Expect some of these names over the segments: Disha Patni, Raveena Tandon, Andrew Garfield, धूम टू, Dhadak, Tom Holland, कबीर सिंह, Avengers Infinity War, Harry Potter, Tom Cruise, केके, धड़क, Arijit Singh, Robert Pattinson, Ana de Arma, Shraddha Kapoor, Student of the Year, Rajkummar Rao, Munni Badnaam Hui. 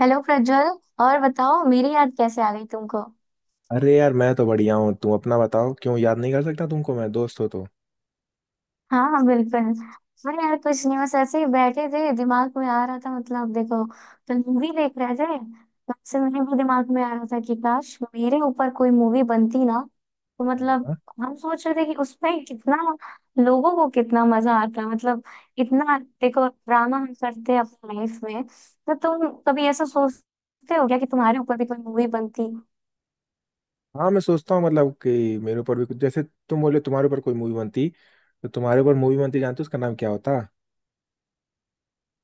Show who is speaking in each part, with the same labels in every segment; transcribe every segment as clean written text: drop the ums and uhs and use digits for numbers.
Speaker 1: Hello Prajwal. और बताओ मेरी याद कैसे आ गई तुमको।
Speaker 2: अरे यार, मैं तो बढ़िया हूँ। तुम अपना बताओ। क्यों, याद नहीं कर सकता तुमको मैं? दोस्त हो तो।
Speaker 1: हाँ हाँ, बिल्कुल। अरे यार, कुछ नहीं, बस ऐसे ही बैठे थे, दिमाग में आ रहा था। मतलब देखो, कल मूवी देख रहे थे, तब से मेरे भी दिमाग में आ रहा था कि काश मेरे ऊपर कोई मूवी बनती ना। तो मतलब
Speaker 2: हाँ
Speaker 1: हम सोच रहे थे कि उसमें कितना लोगों को कितना मजा आता, मतलब इतना देखो ड्रामा हम करते हैं अपनी लाइफ में, तो तुम कभी ऐसा सोचते हो क्या कि तुम्हारे ऊपर भी कोई मूवी बनती।
Speaker 2: हाँ, मैं सोचता हूँ मतलब कि मेरे ऊपर भी कुछ, जैसे तुम बोले तुम्हारे ऊपर कोई मूवी बनती, तो तुम्हारे ऊपर मूवी बनती, जानते हो उसका नाम क्या होता?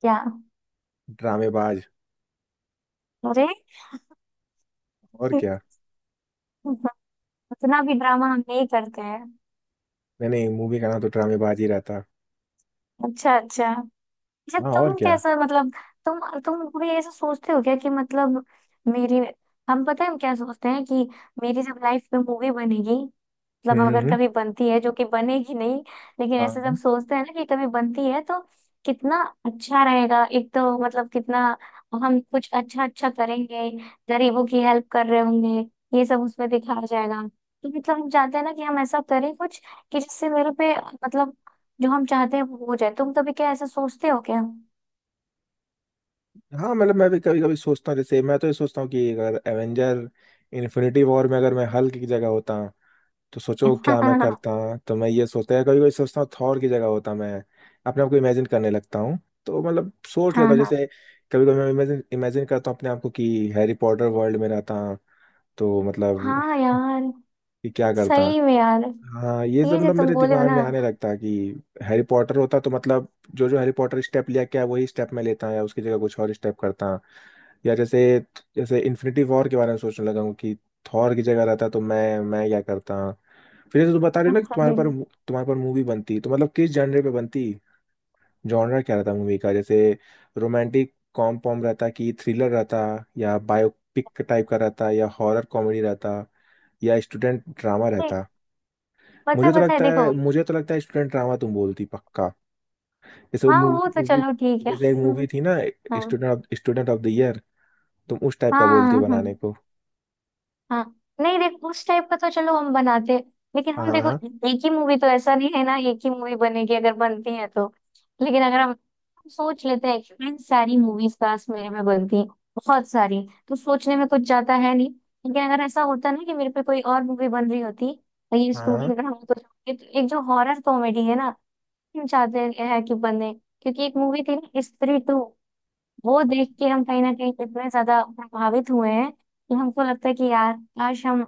Speaker 1: क्या?
Speaker 2: ड्रामेबाज।
Speaker 1: अरे।
Speaker 2: और क्या।
Speaker 1: उतना भी ड्रामा हम नहीं करते हैं।
Speaker 2: नहीं नहीं, मूवी का नाम तो ड्रामेबाज ही रहता।
Speaker 1: अच्छा अच्छा। अच्छा
Speaker 2: हाँ और
Speaker 1: तुम
Speaker 2: क्या।
Speaker 1: कैसा, मतलब तुम भी ऐसा सोचते हो क्या कि मतलब मेरी। हम, पता है हम क्या सोचते हैं कि मेरी जब लाइफ में मूवी बनेगी, मतलब
Speaker 2: हम्म हम्म,
Speaker 1: अगर
Speaker 2: हम्म।
Speaker 1: कभी बनती है, जो कि बनेगी नहीं। लेकिन ऐसे जब
Speaker 2: हाँ
Speaker 1: सोचते हैं ना कि कभी बनती है तो कितना अच्छा रहेगा, एक तो मतलब कितना हम कुछ अच्छा अच्छा करेंगे, गरीबों की हेल्प कर रहे होंगे, ये सब उसमें दिखाया जाएगा। तो मतलब हम चाहते हैं ना कि हम ऐसा करें कुछ, कि जिससे मेरे पे, मतलब जो हम चाहते हैं वो हो जाए। तुम कभी क्या ऐसा सोचते हो क्या?
Speaker 2: हाँ, मतलब मैं भी कभी कभी सोचता हूँ। जैसे मैं तो ये सोचता हूँ कि अगर एवेंजर इन्फिनिटी वॉर में अगर मैं हल्क की जगह होता तो सोचो क्या मैं
Speaker 1: हाँ,
Speaker 2: करता। तो मैं ये सोचता है, कभी कभी सोचता हूँ थॉर की जगह होता मैं, अपने आप को इमेजिन करने लगता हूँ। तो मतलब सोच लेता
Speaker 1: हाँ।
Speaker 2: हूँ। जैसे कभी कभी मैं इमेजिन इमेजिन करता हूँ अपने आप को कि हैरी पॉटर वर्ल्ड में रहता, तो मतलब
Speaker 1: हाँ यार,
Speaker 2: कि क्या करता।
Speaker 1: सही में यार।
Speaker 2: हाँ, ये
Speaker 1: ये
Speaker 2: सब
Speaker 1: जो
Speaker 2: मतलब
Speaker 1: तुम
Speaker 2: मेरे
Speaker 1: बोले हो
Speaker 2: दिमाग
Speaker 1: ना,
Speaker 2: में आने लगता है कि हैरी पॉटर होता तो मतलब जो जो हैरी पॉटर स्टेप लिया क्या वही स्टेप मैं लेता या उसकी जगह कुछ और स्टेप करता। या जैसे जैसे इन्फिनिटी वॉर के बारे में सोचने लगा हूँ कि थॉर की जगह रहता तो मैं क्या करता। फिर जैसे तुम बता रहे हो ना कि तुम्हारे पर,
Speaker 1: नहीं,
Speaker 2: मूवी बनती तो मतलब किस जॉनर पे बनती? जॉनर क्या रहता मूवी का? जैसे रोमांटिक कॉम पॉम रहता कि थ्रिलर रहता, या बायोपिक टाइप का रहता या हॉरर कॉमेडी रहता या स्टूडेंट ड्रामा रहता।
Speaker 1: पता है पता है, देखो।
Speaker 2: मुझे तो लगता है स्टूडेंट ड्रामा तुम बोलती पक्का। जैसे वो
Speaker 1: हाँ वो तो
Speaker 2: मूवी,
Speaker 1: चलो ठीक है।
Speaker 2: जैसे एक मूवी थी ना,
Speaker 1: हाँ।
Speaker 2: Student of the year. तुम उस टाइप का
Speaker 1: हाँ।
Speaker 2: बोलती
Speaker 1: हाँ।
Speaker 2: बनाने को।
Speaker 1: हाँ, नहीं देखो, उस टाइप का तो चलो हम बनाते हैं। लेकिन
Speaker 2: हाँ
Speaker 1: हम देखो,
Speaker 2: हाँ
Speaker 1: एक ही मूवी तो ऐसा नहीं है ना, एक ही मूवी बनेगी अगर बनती है तो। लेकिन अगर हम सोच लेते हैं कि इन सारी मूवीज पास मेरे में बनती हैं बहुत सारी, तो सोचने में कुछ जाता है नहीं। लेकिन अगर ऐसा होता ना कि मेरे पे कोई और मूवी बन रही होती, और ये
Speaker 2: हाँ हाँ।
Speaker 1: स्टूडेंट हम तो एक एक जो हॉरर कॉमेडी है ना, हम चाहते हैं कि बने। क्योंकि एक मूवी थी ना, स्त्री टू, वो देख के हम कहीं ना कहीं इतने ज्यादा प्रभावित हुए हैं कि हमको लगता है कि यार, काश हम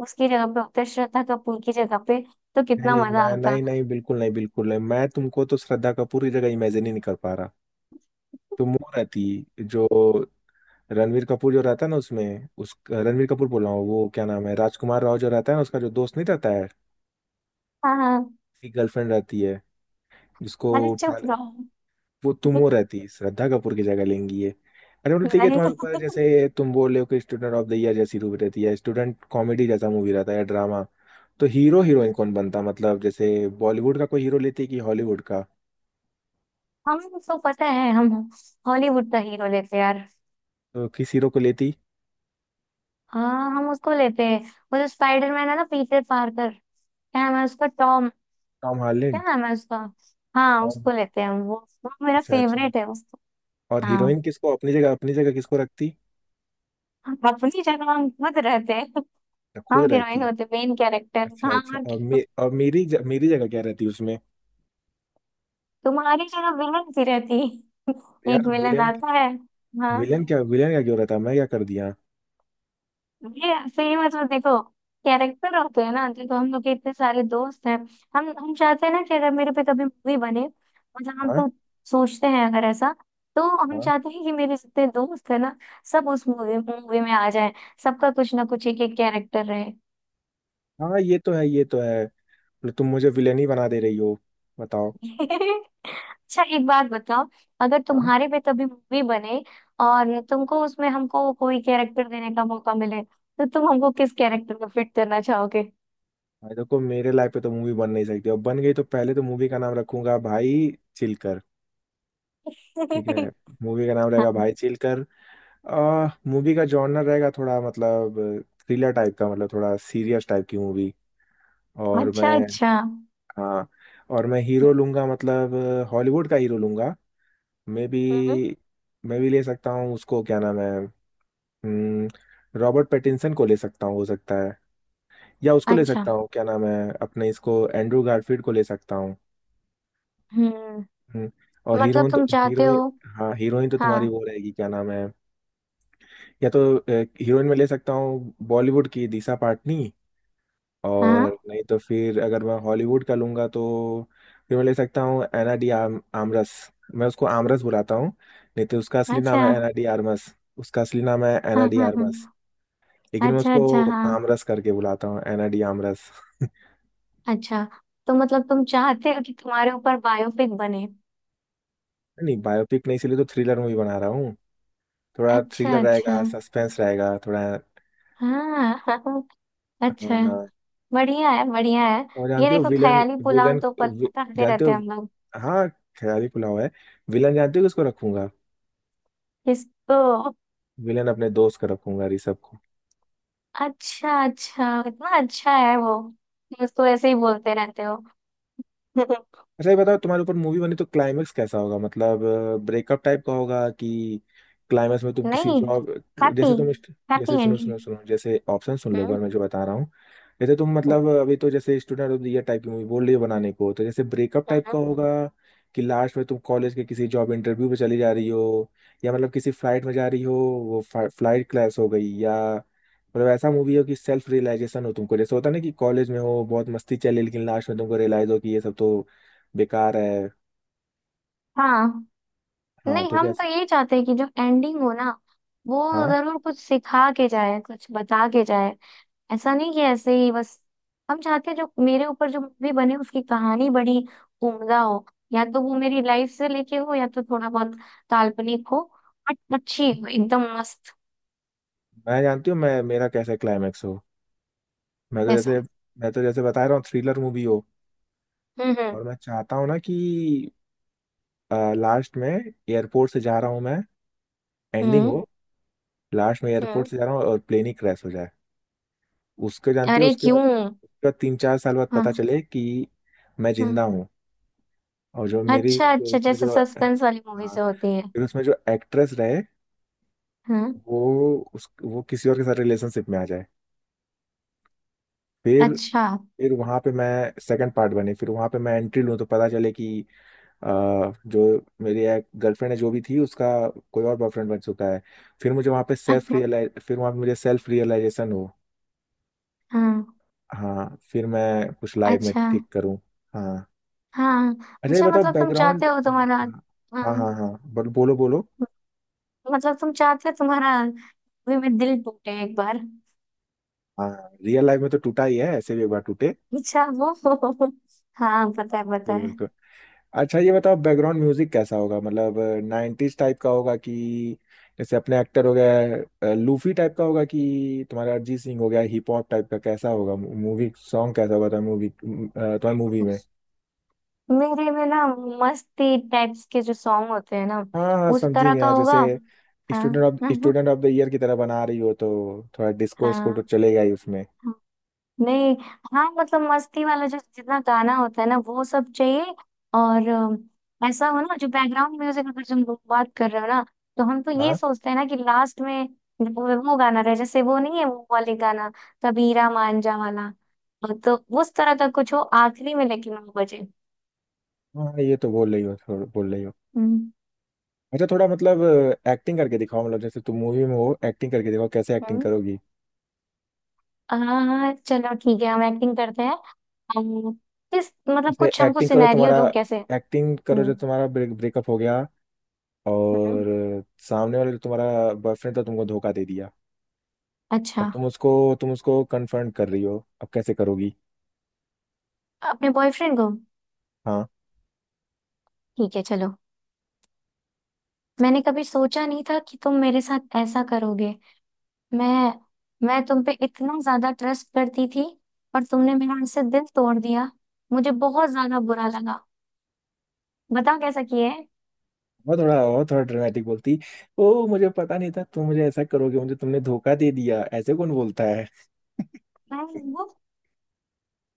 Speaker 1: उसकी जगह पे होते, श्रद्धा कपूर की जगह पे, तो
Speaker 2: नहीं
Speaker 1: कितना
Speaker 2: नहीं,
Speaker 1: मजा
Speaker 2: मैं
Speaker 1: आता।
Speaker 2: नहीं नहीं, बिल्कुल नहीं, बिल्कुल नहीं, मैं तुमको तो श्रद्धा कपूर की जगह इमेजिन ही नहीं कर पा रहा। तुम वो रहती, जो रणवीर कपूर जो रहता है ना उसमें, उस रणवीर कपूर बोल रहा हूँ, वो क्या नाम है, राजकुमार राव जो रहता है ना, उसका जो दोस्त नहीं रहता है
Speaker 1: हाँ हाँ,
Speaker 2: उसकी गर्लफ्रेंड रहती है, जिसको
Speaker 1: अरे
Speaker 2: उठा
Speaker 1: चुप
Speaker 2: ले।
Speaker 1: रहो।
Speaker 2: वो तुम वो रहती श्रद्धा कपूर की जगह लेंगी ये। अरे मतलब ठीक है तुम्हारे
Speaker 1: नहीं,
Speaker 2: ऊपर है, जैसे तुम बोल रहे हो कि स्टूडेंट ऑफ द ईयर जैसी मूवी रहती है, स्टूडेंट कॉमेडी जैसा मूवी रहता है या ड्रामा, तो हीरो हीरोइन कौन बनता? मतलब जैसे बॉलीवुड का कोई हीरो लेती कि हॉलीवुड का?
Speaker 1: हमें उसको पता है। हम हॉलीवुड का हीरो लेते यार।
Speaker 2: तो किस हीरो को लेती?
Speaker 1: हाँ, हम उसको लेते हैं। वो जो स्पाइडरमैन है ना, पीटर पार्कर। क्या नाम है उसका, टॉम।
Speaker 2: टॉम
Speaker 1: क्या
Speaker 2: हार्लेंड।
Speaker 1: नाम है उसका? हाँ
Speaker 2: टॉम।
Speaker 1: उसको लेते हैं हम। वो मेरा
Speaker 2: अच्छा अच्छा।
Speaker 1: फेवरेट है, उसको।
Speaker 2: और हीरोइन
Speaker 1: हाँ,
Speaker 2: किसको, अपनी जगह किसको रखती?
Speaker 1: अपनी जगह हम खुद रहते हैं। हाँ,
Speaker 2: खुद
Speaker 1: हीरोइन
Speaker 2: रहती।
Speaker 1: होते मेन कैरेक्टर।
Speaker 2: अच्छा
Speaker 1: हाँ
Speaker 2: अच्छा।
Speaker 1: और
Speaker 2: और,
Speaker 1: क्या?
Speaker 2: मे, और मेरी जगह क्या रहती उसमें?
Speaker 1: तुम्हारी जगह विलन सी रहती। एक
Speaker 2: यार
Speaker 1: विलन
Speaker 2: विलेन।
Speaker 1: आता है। हाँ
Speaker 2: विलेन क्या क्यों रहता? मैं क्या कर दिया?
Speaker 1: ये सही। मतलब देखो, कैरेक्टर होते हैं ना, देखो हम लोग के इतने सारे दोस्त हैं। हम चाहते हैं ना कि अगर मेरे पे कभी मूवी बने, मतलब हम
Speaker 2: हाँ
Speaker 1: तो सोचते हैं अगर ऐसा, तो हम
Speaker 2: हाँ
Speaker 1: चाहते हैं कि मेरे जितने दोस्त है ना, सब उस मूवी मूवी में आ जाए, सबका कुछ ना कुछ, एक एक कैरेक्टर
Speaker 2: हाँ, ये तो है ये तो है। मतलब तुम मुझे विलेन ही बना दे रही हो। बताओ।
Speaker 1: रहे। अच्छा, एक बात बताओ, अगर
Speaker 2: हाँ।
Speaker 1: तुम्हारे पे कभी मूवी बने, और तुमको उसमें हमको कोई कैरेक्टर देने का मौका मिले, तो तुम हमको किस कैरेक्टर में फिट करना चाहोगे?
Speaker 2: भाई देखो, मेरे लाइफ पे तो मूवी बन नहीं सकती, अब बन गई तो पहले तो मूवी का नाम रखूंगा, भाई चिलकर। ठीक है। मूवी का नाम रहेगा
Speaker 1: हाँ,
Speaker 2: भाई चिलकर। आ मूवी का जॉनर रहेगा, थोड़ा मतलब थ्रिलर टाइप का, मतलब थोड़ा सीरियस टाइप की मूवी। और
Speaker 1: अच्छा
Speaker 2: मैं
Speaker 1: अच्छा।
Speaker 2: हाँ, और मैं हीरो लूंगा मतलब, हॉलीवुड का हीरो लूंगा। मे
Speaker 1: हम्म,
Speaker 2: बी मैं भी ले सकता हूँ उसको क्या नाम है, रॉबर्ट पैटिंसन को ले सकता हूँ, हो सकता है। या उसको ले
Speaker 1: अच्छा।
Speaker 2: सकता हूँ क्या नाम है, अपने इसको एंड्रू गारफील्ड को ले सकता हूँ।
Speaker 1: हम्म,
Speaker 2: हम्म, और
Speaker 1: मतलब
Speaker 2: हीरोइन, तो
Speaker 1: तुम चाहते
Speaker 2: हीरोइन।
Speaker 1: हो।
Speaker 2: हाँ, हीरोइन तो तुम्हारी
Speaker 1: हाँ
Speaker 2: वो रहेगी क्या नाम है। या तो हीरोइन में ले सकता हूँ बॉलीवुड की दिशा पाटनी।
Speaker 1: हाँ,
Speaker 2: और नहीं तो फिर अगर मैं हॉलीवुड का लूंगा तो फिर मैं ले सकता हूँ एना डी आमरस। मैं उसको आमरस बुलाता हूँ। नहीं तो उसका असली नाम
Speaker 1: अच्छा।
Speaker 2: है एना डी आरमस। उसका असली नाम है
Speaker 1: हाँ
Speaker 2: एना डी
Speaker 1: हाँ हाँ,
Speaker 2: आरमस। लेकिन मैं
Speaker 1: अच्छा
Speaker 2: उसको
Speaker 1: अच्छा। हाँ,
Speaker 2: आमरस करके बुलाता हूँ, एना डी आमरस।
Speaker 1: अच्छा। तो मतलब तुम चाहते हो कि तुम्हारे ऊपर बायोपिक बने।
Speaker 2: नहीं बायोपिक नहीं, इसलिए तो थ्रिलर मूवी बना रहा हूँ। थोड़ा
Speaker 1: अच्छा
Speaker 2: थ्रिलर
Speaker 1: अच्छा।
Speaker 2: रहेगा, सस्पेंस रहेगा थोड़ा।
Speaker 1: हाँ हाँ, अच्छा।
Speaker 2: हाँ।
Speaker 1: बढ़िया है बढ़िया है।
Speaker 2: और
Speaker 1: ये
Speaker 2: जानते हो
Speaker 1: देखो,
Speaker 2: विलन,
Speaker 1: ख्याली पुलाव
Speaker 2: विलन
Speaker 1: तो पता
Speaker 2: वि,
Speaker 1: करते
Speaker 2: जानते
Speaker 1: रहते
Speaker 2: हो।
Speaker 1: हैं हम लोग।
Speaker 2: हाँ। खिलाड़ी पुलाव है। विलन जानते हो किसको रखूंगा?
Speaker 1: किसको?
Speaker 2: विलन अपने दोस्त का रखूंगा, ऋषभ को।
Speaker 1: अच्छा अच्छा, इतना अच्छा है वो? तुम उसको ऐसे ही बोलते रहते हो?
Speaker 2: अच्छा ये बताओ तुम्हारे ऊपर मूवी बनी तो क्लाइमेक्स कैसा होगा मतलब? ब्रेकअप टाइप का होगा कि क्लाइमेक्स में तुम किसी
Speaker 1: नहीं,
Speaker 2: जॉब,
Speaker 1: हैप्पी
Speaker 2: जैसे तुम जैसे
Speaker 1: हैप्पी
Speaker 2: सुनो
Speaker 1: एंडिंग।
Speaker 2: सुनो सुनो, जैसे ऑप्शन सुन लो एक
Speaker 1: हम्म
Speaker 2: बार मैं जो बता रहा हूँ। जैसे तुम
Speaker 1: हम्म,
Speaker 2: मतलब अभी तो जैसे student of the year type की मूवी बोल रही हो बनाने को, तो जैसे ब्रेकअप टाइप का
Speaker 1: हम्म।
Speaker 2: होगा कि लास्ट में तुम कॉलेज के किसी जॉब इंटरव्यू पे चली जा रही हो, या मतलब किसी फ्लाइट में जा रही हो, वो फ्लाइट क्लैश हो गई, या मतलब ऐसा मूवी हो कि सेल्फ रियलाइजेशन हो तुमको, जैसे होता है ना कि कॉलेज में हो बहुत मस्ती चली लेकिन लास्ट में तुमको रियलाइज हो कि ये सब तो बेकार है।
Speaker 1: हाँ।
Speaker 2: हाँ
Speaker 1: नहीं,
Speaker 2: तो
Speaker 1: हम तो
Speaker 2: कैसे।
Speaker 1: ये चाहते हैं कि जो एंडिंग हो ना, वो
Speaker 2: हाँ,
Speaker 1: जरूर कुछ सिखा के जाए, कुछ बता के जाए। ऐसा नहीं कि ऐसे ही बस। हम चाहते हैं जो मेरे ऊपर जो मूवी बने, उसकी कहानी बड़ी उम्दा हो, या तो वो मेरी लाइफ से लेके हो, या तो थोड़ा बहुत काल्पनिक हो, बट अच्छी हो एकदम मस्त।
Speaker 2: मैं जानती हूँ मैं मेरा कैसा क्लाइमेक्स हो। मैं तो
Speaker 1: वैसा।
Speaker 2: जैसे मैं तो जैसे बता रहा हूँ, थ्रिलर मूवी हो,
Speaker 1: हम्म।
Speaker 2: और मैं चाहता हूँ ना कि लास्ट में एयरपोर्ट से जा रहा हूँ मैं, एंडिंग
Speaker 1: हम्म
Speaker 2: हो। लास्ट में एयरपोर्ट
Speaker 1: हम्म।
Speaker 2: से जा रहा हूँ और प्लेन ही क्रैश हो जाए। उसको जानती है
Speaker 1: अरे
Speaker 2: उसके बाद?
Speaker 1: क्यों?
Speaker 2: उसके बाद 3-4 साल बाद पता
Speaker 1: हाँ।
Speaker 2: चले कि मैं
Speaker 1: हाँ,
Speaker 2: जिंदा हूँ। और जो मेरी
Speaker 1: अच्छा
Speaker 2: जो
Speaker 1: अच्छा,
Speaker 2: उसमें
Speaker 1: जैसे
Speaker 2: जो,
Speaker 1: सस्पेंस वाली मूवी
Speaker 2: हाँ,
Speaker 1: से होती है।
Speaker 2: फिर उसमें जो एक्ट्रेस रहे
Speaker 1: हाँ,
Speaker 2: वो, उस वो किसी और के साथ रिलेशनशिप में आ जाए। फिर
Speaker 1: अच्छा
Speaker 2: फिर वहां पे मैं सेकंड पार्ट बने, फिर वहां पे मैं एंट्री लूँ तो पता चले कि अ, जो मेरी एक गर्लफ्रेंड है जो भी थी उसका कोई और बॉयफ्रेंड बन चुका है।
Speaker 1: अच्छा।
Speaker 2: फिर वहाँ पे मुझे सेल्फ रियलाइजेशन हो।
Speaker 1: हाँ,
Speaker 2: हाँ, फिर मैं कुछ लाइफ में
Speaker 1: अच्छा।
Speaker 2: ठीक करूँ। हाँ।
Speaker 1: हाँ,
Speaker 2: अच्छा ये
Speaker 1: अच्छा,
Speaker 2: बताओ
Speaker 1: मतलब तुम चाहते
Speaker 2: बैकग्राउंड।
Speaker 1: हो तुम्हारा।
Speaker 2: हाँ
Speaker 1: हाँ,
Speaker 2: हाँ हाँ, बोलो बोलो बोलो।
Speaker 1: मतलब तुम चाहते हो तुम्हारा मूवी में दिल टूटे एक बार।
Speaker 2: हाँ रियल लाइफ में तो टूटा ही है, ऐसे भी एक बार टूटे।
Speaker 1: अच्छा वो, हाँ, पता है पता
Speaker 2: बिल्कुल
Speaker 1: है।
Speaker 2: बिल्कुल। अच्छा ये बताओ बैकग्राउंड म्यूजिक कैसा होगा मतलब? नाइन्टीज टाइप का होगा, कि जैसे अपने एक्टर हो गया लूफी टाइप का होगा, कि तुम्हारा अरिजीत सिंह हो गया हिप हॉप टाइप का, कैसा होगा? मूवी सॉन्ग कैसा होगा तुम्हारी मूवी, तुम्हारी मूवी में
Speaker 1: मेरे में ना, मस्ती टाइप्स के जो सॉन्ग होते हैं ना,
Speaker 2: हाँ हाँ,
Speaker 1: उस
Speaker 2: समझी
Speaker 1: तरह का
Speaker 2: गया। जैसे
Speaker 1: होगा। हाँ हाँ।
Speaker 2: स्टूडेंट ऑफ द ईयर की तरह बना रही हो तो थोड़ा डिस्कोर्स को
Speaker 1: हाँ,
Speaker 2: तो चलेगा ही उसमें।
Speaker 1: नहीं। हाँ मतलब मस्ती वाला जो जितना गाना होता है ना, वो सब चाहिए। और ऐसा हो ना जो बैकग्राउंड म्यूजिक, अगर तुम लोग बात कर रहे हो ना, तो हम तो ये
Speaker 2: हाँ
Speaker 1: सोचते हैं ना कि लास्ट में वो गाना रहे, जैसे वो नहीं है, वो वाले गाना, कबीरा मांझा वाला, तो उस तरह का कुछ हो आखिरी में, लेकिन वो बजे।
Speaker 2: हाँ, ये तो बोल रही हो, थोड़ा बोल रही हो।
Speaker 1: हम्म
Speaker 2: अच्छा थोड़ा मतलब एक्टिंग करके दिखाओ। मतलब जैसे तुम मूवी में हो, एक्टिंग करके दिखाओ कैसे एक्टिंग
Speaker 1: हम्म।
Speaker 2: करोगी।
Speaker 1: हाँ हाँ, चलो ठीक है, हम एक्टिंग करते हैं। अम, किस मतलब,
Speaker 2: ऐसे
Speaker 1: कुछ हमको
Speaker 2: एक्टिंग करो,
Speaker 1: सिनेरियो
Speaker 2: तुम्हारा
Speaker 1: दो कैसे।
Speaker 2: एक्टिंग करो
Speaker 1: हम्म
Speaker 2: जो तुम्हारा ब्रेकअप हो गया
Speaker 1: हम्म,
Speaker 2: और सामने वाले जो तुम्हारा बॉयफ्रेंड था तुमको धोखा दे दिया। अब
Speaker 1: अच्छा।
Speaker 2: तुम उसको कन्फ्रंट कर रही हो। अब कैसे करोगी?
Speaker 1: अपने बॉयफ्रेंड को?
Speaker 2: हाँ,
Speaker 1: ठीक है चलो। मैंने कभी सोचा नहीं था कि तुम मेरे साथ ऐसा करोगे। मैं मैं तुम पे इतना ज्यादा ट्रस्ट करती थी, और तुमने मेरा उससे दिल तोड़ दिया, मुझे बहुत ज्यादा बुरा लगा। बताओ कैसा किया है।
Speaker 2: और थोड़ा ड्रामेटिक बोलती। ओ मुझे पता नहीं था तुम मुझे ऐसा करोगे, मुझे तुमने धोखा दे दिया, ऐसे कौन बोलता है?
Speaker 1: मैं वो-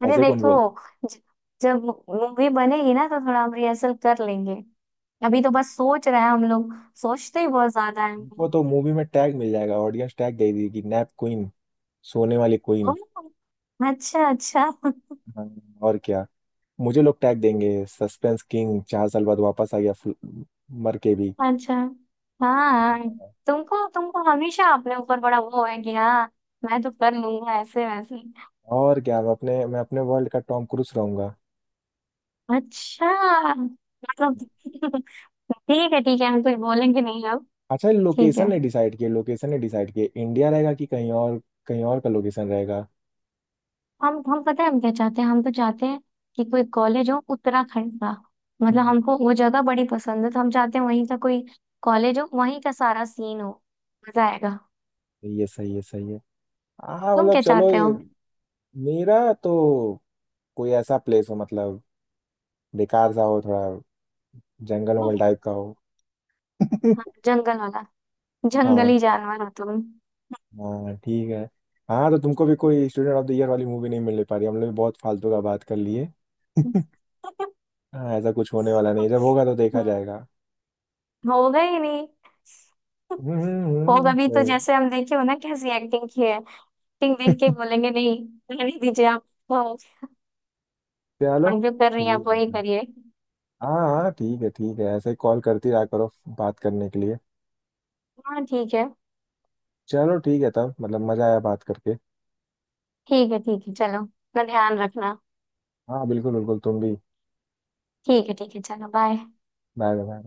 Speaker 1: अरे
Speaker 2: ऐसे कौन
Speaker 1: देखो,
Speaker 2: बोलता
Speaker 1: ज- जब मूवी बनेगी ना, तो थोड़ा हम रिहर्सल कर लेंगे। अभी तो बस सोच रहे हैं हम लोग। सोचते ही बहुत ज्यादा है।
Speaker 2: है? उनको तो मूवी में टैग मिल जाएगा, ऑडियंस टैग दे देगी, नैप क्वीन, सोने वाली क्वीन।
Speaker 1: ओह, अच्छा अच्छा।
Speaker 2: हाँ, और क्या। मुझे लोग टैग देंगे, सस्पेंस किंग, 4 साल बाद वापस आ गया, मर के भी।
Speaker 1: अच्छा, हाँ। तुमको तुमको हमेशा अपने ऊपर बड़ा वो है कि हाँ, मैं तो कर लूंगा ऐसे वैसे।
Speaker 2: और क्या, मैं अपने वर्ल्ड का टॉम क्रूज रहूंगा।
Speaker 1: अच्छा, मतलब ठीक है ठीक है, हम कुछ बोलेंगे नहीं अब।
Speaker 2: अच्छा,
Speaker 1: ठीक है।
Speaker 2: लोकेशन ने डिसाइड किया, इंडिया रहेगा कि कहीं और, कहीं और का लोकेशन रहेगा?
Speaker 1: हम पता है हम क्या चाहते हैं। हम तो चाहते हैं कि कोई कॉलेज हो उत्तराखंड का, मतलब हमको वो जगह बड़ी पसंद है, तो हम चाहते हैं वहीं का कोई कॉलेज हो, वहीं का सारा सीन हो, मजा आएगा।
Speaker 2: ये सही है सही है। हाँ
Speaker 1: तुम
Speaker 2: मतलब
Speaker 1: क्या
Speaker 2: चलो
Speaker 1: चाहते हो?
Speaker 2: मेरा तो कोई ऐसा प्लेस हो मतलब बेकार सा हो थोड़ा, जंगल वंगल टाइप का हो।
Speaker 1: हाँ, जंगल वाला।
Speaker 2: हाँ
Speaker 1: जंगली जानवर हो तुम।
Speaker 2: हाँ ठीक है। हाँ, तो तुमको भी कोई स्टूडेंट ऑफ द ईयर वाली मूवी नहीं मिल पा रही, हम लोग भी बहुत फालतू का बात कर लिए। हाँ, ऐसा कुछ होने वाला नहीं, जब होगा तो देखा
Speaker 1: हम्म,
Speaker 2: जाएगा।
Speaker 1: होगा ही नहीं।
Speaker 2: हम्म
Speaker 1: होगा भी तो,
Speaker 2: सही
Speaker 1: जैसे हम देखे हो ना कैसी एक्टिंग की है, एक्टिंग देख के
Speaker 2: है।
Speaker 1: बोलेंगे नहीं, रहने दीजिए आप। तो आप
Speaker 2: चलो
Speaker 1: जो कर रही हैं आप,
Speaker 2: ठीक है
Speaker 1: वही
Speaker 2: फिर।
Speaker 1: करिए।
Speaker 2: हाँ हाँ ठीक है ठीक है, ऐसे कॉल करती रहा करो बात करने के लिए।
Speaker 1: हाँ ठीक है।
Speaker 2: चलो ठीक है, तब मतलब मजा आया बात करके।
Speaker 1: ठीक है ठीक है, चलो अपना ध्यान रखना।
Speaker 2: हाँ बिल्कुल बिल्कुल, तुम भी।
Speaker 1: ठीक है ठीक है, चलो बाय।
Speaker 2: Bye bye.